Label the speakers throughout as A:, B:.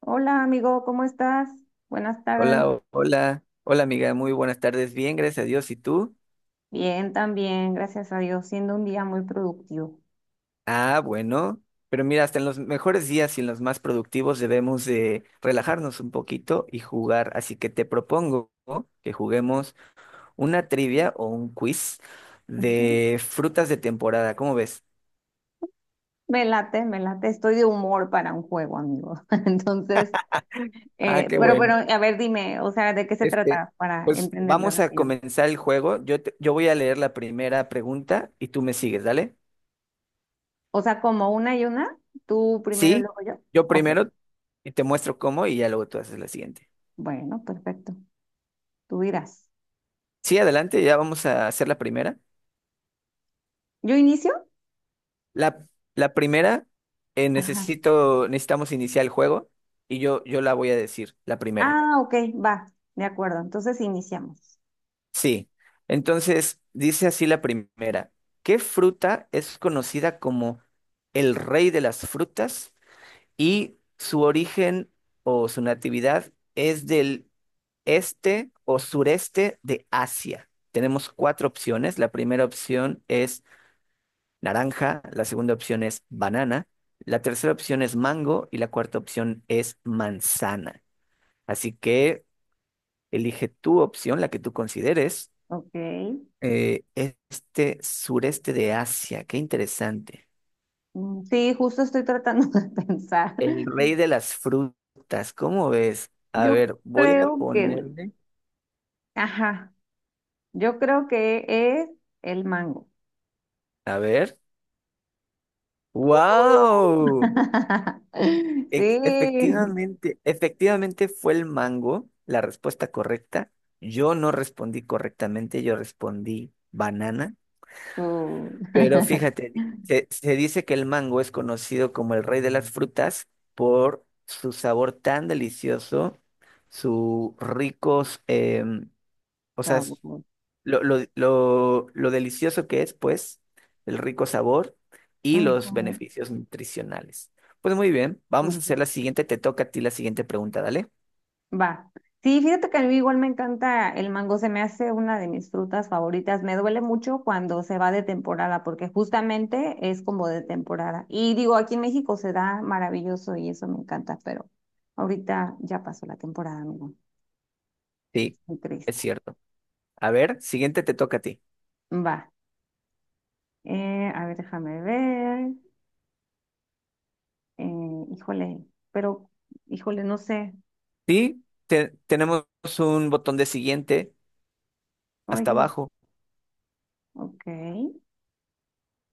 A: Hola amigo, ¿cómo estás? Buenas
B: Hola,
A: tardes.
B: hola, amiga, muy buenas tardes, bien, gracias a Dios, ¿y tú?
A: Bien, también, gracias a Dios, siendo un día muy productivo.
B: Ah, bueno, pero mira, hasta en los mejores días y en los más productivos debemos de relajarnos un poquito y jugar, así que te propongo que juguemos una trivia o un quiz
A: Ujú.
B: de frutas de temporada, ¿cómo ves?
A: Me late, estoy de humor para un juego, amigo. Entonces,
B: Ah, qué bueno.
A: a ver, dime, o sea, ¿de qué se
B: Este,
A: trata para
B: pues
A: entenderle
B: vamos a
A: rápido?
B: comenzar el juego, yo voy a leer la primera pregunta y tú me sigues, ¿dale?
A: O sea, como una y una, tú primero y
B: Sí,
A: luego yo.
B: yo
A: Ok,
B: primero y te muestro cómo y ya luego tú haces la siguiente.
A: bueno, perfecto, tú dirás.
B: Sí, adelante, ya vamos a hacer la primera.
A: ¿Yo inicio?
B: La, la primera,
A: Ajá.
B: necesitamos iniciar el juego y yo la voy a decir, la primera.
A: Ah, ok, va, de acuerdo, entonces iniciamos.
B: Sí, entonces dice así la primera. ¿Qué fruta es conocida como el rey de las frutas y su origen o su natividad es del este o sureste de Asia? Tenemos cuatro opciones. La primera opción es naranja, la segunda opción es banana, la tercera opción es mango y la cuarta opción es manzana. Así que elige tu opción, la que tú consideres.
A: Ok.
B: Este sureste de Asia, qué interesante.
A: Mm, sí, justo estoy tratando de pensar.
B: El rey de las frutas, ¿cómo ves? A
A: Yo
B: ver, voy a
A: creo que,
B: ponerle.
A: ajá, yo creo que es el mango.
B: A ver. ¡Wow!
A: Sí,
B: Efectivamente, efectivamente fue el mango la respuesta correcta. Yo no respondí correctamente, yo respondí banana.
A: su
B: Pero fíjate, se dice que el mango es conocido como el rey de las frutas por su sabor tan delicioso, su ricos, o sea,
A: sabor.
B: lo delicioso que es, pues, el rico sabor y los
A: Ujú,
B: beneficios nutricionales. Pues muy bien, vamos a
A: súper.
B: hacer la siguiente, te toca a ti la siguiente pregunta, dale.
A: Va. Sí, fíjate que a mí igual me encanta el mango, se me hace una de mis frutas favoritas. Me duele mucho cuando se va de temporada, porque justamente es como de temporada. Y digo, aquí en México se da maravilloso y eso me encanta, pero ahorita ya pasó la temporada, amigo. Es
B: Sí,
A: muy
B: es
A: triste.
B: cierto. A ver, siguiente te toca a ti.
A: Va. A ver, déjame ver. Eh, híjole, pero, Híjole, no sé.
B: Sí, tenemos un botón de siguiente hasta
A: Oye,
B: abajo,
A: ok.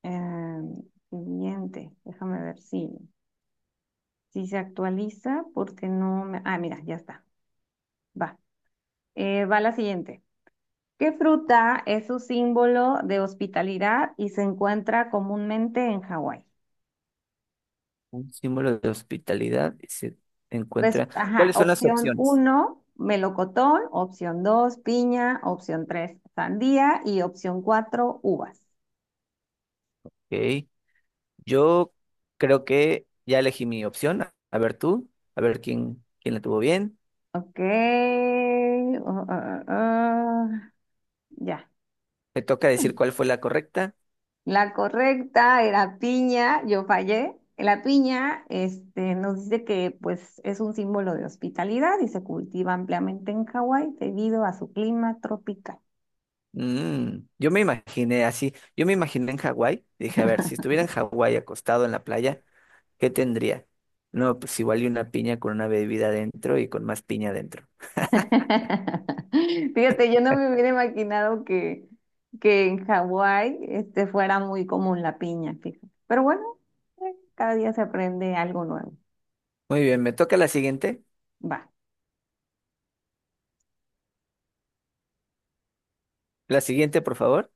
A: Em, Siguiente, déjame ver si, si se actualiza porque no me... Ah, mira, ya está. Va. Va la siguiente. ¿Qué fruta es su símbolo de hospitalidad y se encuentra comúnmente en Hawái?
B: un símbolo de hospitalidad y se encuentra.
A: Ajá,
B: ¿Cuáles son las
A: opción
B: opciones?
A: uno melocotón, opción 2 piña, opción 3 sandía y opción 4 uvas.
B: Ok, yo creo que ya elegí mi opción. A ver tú, a ver quién la tuvo bien.
A: Ok. Ya.
B: Me toca decir cuál fue la correcta.
A: La correcta era piña, yo fallé. La piña, este, nos dice que pues es un símbolo de hospitalidad y se cultiva ampliamente en Hawái debido a su clima tropical.
B: Mm, yo me imaginé así, yo me imaginé en Hawái, dije, a ver, si estuviera en Hawái acostado en la playa, ¿qué tendría? No, pues igual y una piña con una bebida adentro y con más piña adentro.
A: Fíjate, yo no me hubiera imaginado que en Hawái este, fuera muy común la piña, fíjate. Pero bueno, cada día se aprende algo nuevo.
B: Muy bien, me toca la siguiente.
A: Va.
B: La siguiente, por favor.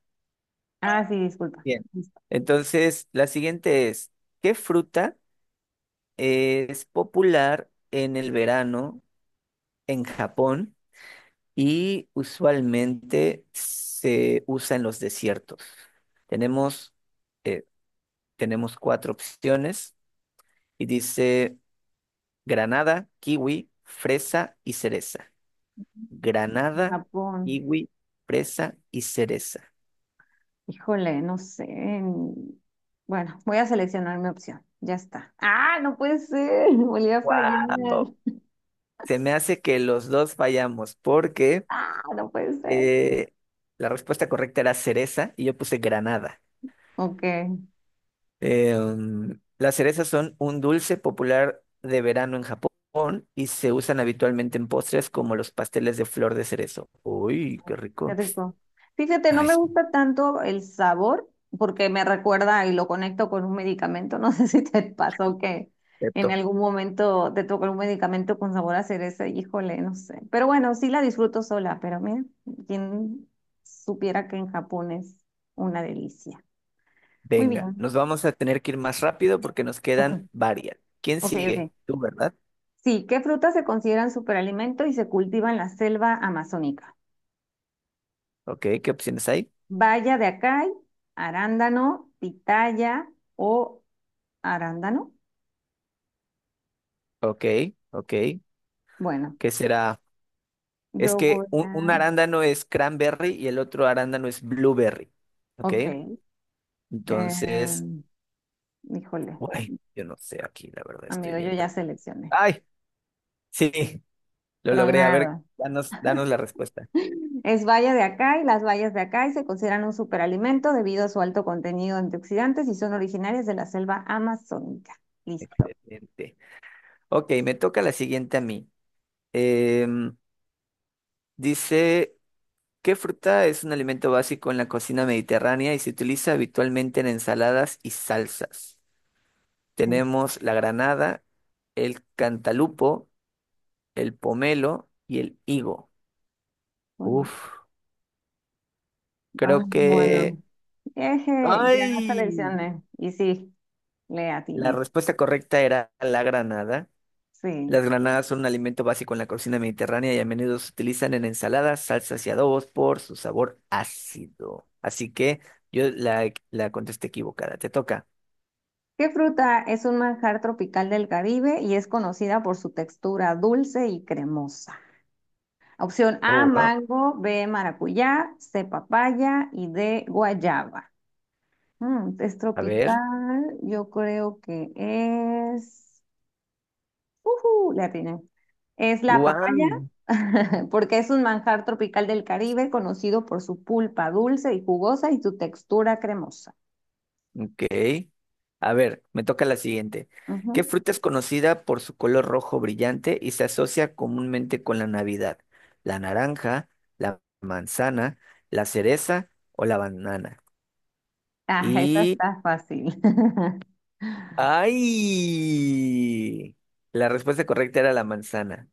A: Ah, sí, disculpa.
B: Bien.
A: Listo.
B: Entonces, la siguiente es, ¿qué fruta es popular en el verano en Japón? Y usualmente se usa en los desiertos. Tenemos, eh, tenemos cuatro opciones y dice granada, kiwi, fresa y cereza. Granada,
A: Japón.
B: kiwi, fresa y cereza.
A: Híjole, no sé. En- Bueno, voy a seleccionar mi opción. Ya está. Ah, no puede ser. Volví a fallar.
B: ¡Wow! Se me hace que los dos fallamos porque
A: Ah, no puede ser.
B: eh, la respuesta correcta era cereza y yo puse granada.
A: Ok.
B: Las cerezas son un dulce popular de verano en Japón y se usan habitualmente en postres como los pasteles de flor de cerezo. Uy, qué
A: Qué
B: rico.
A: rico. Fíjate, no
B: Ay,
A: me
B: sí,
A: gusta tanto el sabor porque me recuerda y lo conecto con un medicamento. No sé si te pasó que en
B: perfecto.
A: algún momento te tocó un medicamento con sabor a cereza, híjole, no sé. Pero bueno, sí la disfruto sola, pero mira, quien supiera que en Japón es una delicia. Muy
B: Venga,
A: bien.
B: nos vamos a tener que ir más rápido porque nos
A: Ok,
B: quedan varias. ¿Quién
A: ok,
B: sigue?
A: ok.
B: Tú, ¿verdad?
A: Sí, ¿qué frutas se consideran superalimento y se cultiva en la selva amazónica?
B: Ok, ¿qué opciones hay?
A: Baya de acai, arándano, pitaya o arándano.
B: Ok, ok.
A: Bueno,
B: ¿Qué será? Es
A: yo voy
B: que un
A: a...
B: arándano es cranberry y el otro arándano es blueberry. Ok,
A: Ok.
B: entonces,
A: em, híjole,
B: uy, yo no sé aquí, la verdad, estoy
A: amigo, yo
B: bien
A: ya
B: perdido.
A: seleccioné.
B: ¡Ay! Sí, lo logré. A ver,
A: Tronada.
B: danos la respuesta.
A: Es baya de acai. Las bayas de acai se consideran un superalimento debido a su alto contenido de antioxidantes y son originarias de la selva amazónica. Listo.
B: Excelente. Ok, me toca la siguiente a mí. Em, dice, ¿qué fruta es un alimento básico en la cocina mediterránea y se utiliza habitualmente en ensaladas y salsas? Tenemos la granada, el cantalupo, el pomelo y el higo.
A: Bueno,
B: Uf,
A: ah,
B: creo
A: bueno.
B: que...
A: Eje, ya
B: ¡Ay!
A: seleccioné. Y sí, le
B: La
A: atiné.
B: respuesta correcta era la granada.
A: Sí.
B: Las granadas son un alimento básico en la cocina mediterránea y a menudo se utilizan en ensaladas, salsas y adobos por su sabor ácido. Así que yo la contesté equivocada. Te toca.
A: ¿Qué fruta es un manjar tropical del Caribe y es conocida por su textura dulce y cremosa? Opción A,
B: Oh, wow.
A: mango, B, maracuyá, C, papaya y D, guayaba. Mm, es
B: A ver.
A: tropical, yo creo que es... ¡Ujú! Le atiné. Es la
B: Guau.
A: papaya, porque es un manjar tropical del Caribe conocido por su pulpa dulce y jugosa y su textura cremosa.
B: Ok. A ver, me toca la siguiente. ¿Qué
A: Ujú.
B: fruta es conocida por su color rojo brillante y se asocia comúnmente con la Navidad? ¿La naranja, la manzana, la cereza o la banana?
A: Ah, esa
B: Y
A: está fácil.
B: ¡ay! La respuesta correcta era la manzana.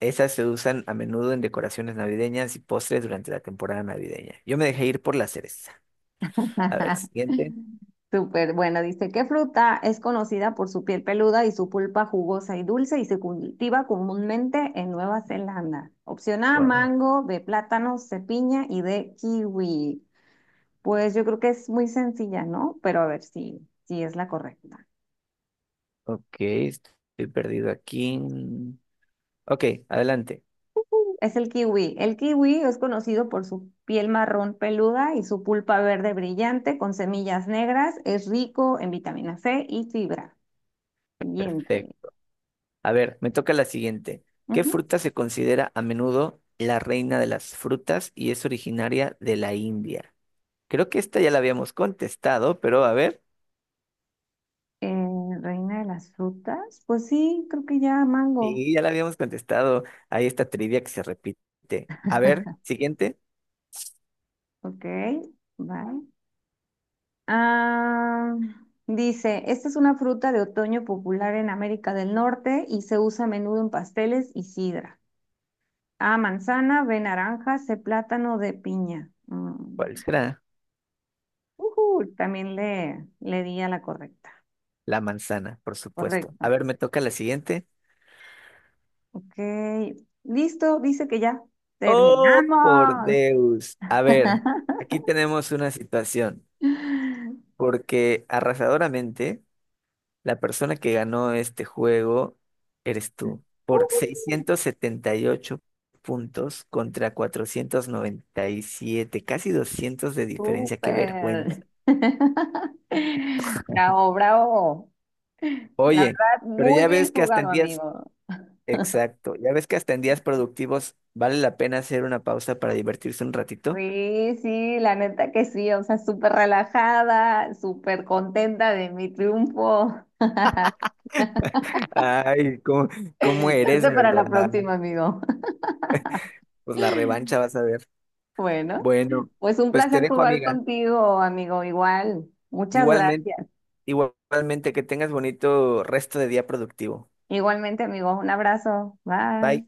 B: Esas se usan a menudo en decoraciones navideñas y postres durante la temporada navideña. Yo me dejé ir por la cereza. A ver, siguiente.
A: Súper, bueno, dice, ¿qué fruta es conocida por su piel peluda y su pulpa jugosa y dulce y se cultiva comúnmente en Nueva Zelanda? Opción A,
B: Wow.
A: mango, B, plátano, C, piña y D, kiwi. Pues yo creo que es muy sencilla, ¿no? Pero a ver si, si es la correcta.
B: Ok, estoy perdido aquí. Ok, adelante.
A: Es el kiwi. El kiwi es conocido por su piel marrón peluda y su pulpa verde brillante con semillas negras. Es rico en vitamina C y fibra. Siguiente.
B: Perfecto. A ver, me toca la siguiente. ¿Qué fruta se considera a menudo la reina de las frutas y es originaria de la India? Creo que esta ya la habíamos contestado, pero a ver.
A: Eh, Reina de las frutas, pues sí, creo que ya mango.
B: Sí, ya la habíamos contestado. Hay esta trivia que se repite. A ver, siguiente.
A: Ok, vale. Ah, dice, esta es una fruta de otoño popular en América del Norte y se usa a menudo en pasteles y sidra. A, manzana, B, naranja, C, plátano, D, piña.
B: ¿Cuál
A: Mm,
B: será?
A: ujú, también le di a la correcta.
B: La manzana, por supuesto. A
A: Correcto.
B: ver, me toca la siguiente.
A: Ok, listo, dice que ya
B: Oh, por
A: terminamos.
B: Deus. A ver, aquí tenemos una situación, porque arrasadoramente la persona que ganó este juego eres tú, por
A: Ujú.
B: 678 puntos contra 497, casi 200 de diferencia. Qué
A: Súper.
B: vergüenza.
A: Bravo, bravo. La
B: Oye.
A: verdad,
B: Pero
A: muy
B: ya
A: bien
B: ves que hasta en
A: jugado,
B: días
A: amigo.
B: Exacto. Ya ves que hasta en días productivos vale la pena hacer una pausa para divertirse un ratito.
A: Sí, sí, la neta que sí. O sea, súper relajada, súper contenta de mi triunfo.
B: Ay, cómo eres
A: Suerte
B: de
A: para la
B: verdad?
A: próxima, amigo.
B: Pues la revancha vas a ver.
A: Bueno,
B: Bueno,
A: pues un
B: pues te
A: placer
B: dejo,
A: jugar
B: amiga.
A: contigo, amigo. Igual. Muchas
B: Igualmente,
A: gracias.
B: igualmente que tengas bonito resto de día productivo.
A: Igualmente, amigo. Un abrazo.
B: Bye.
A: Bye.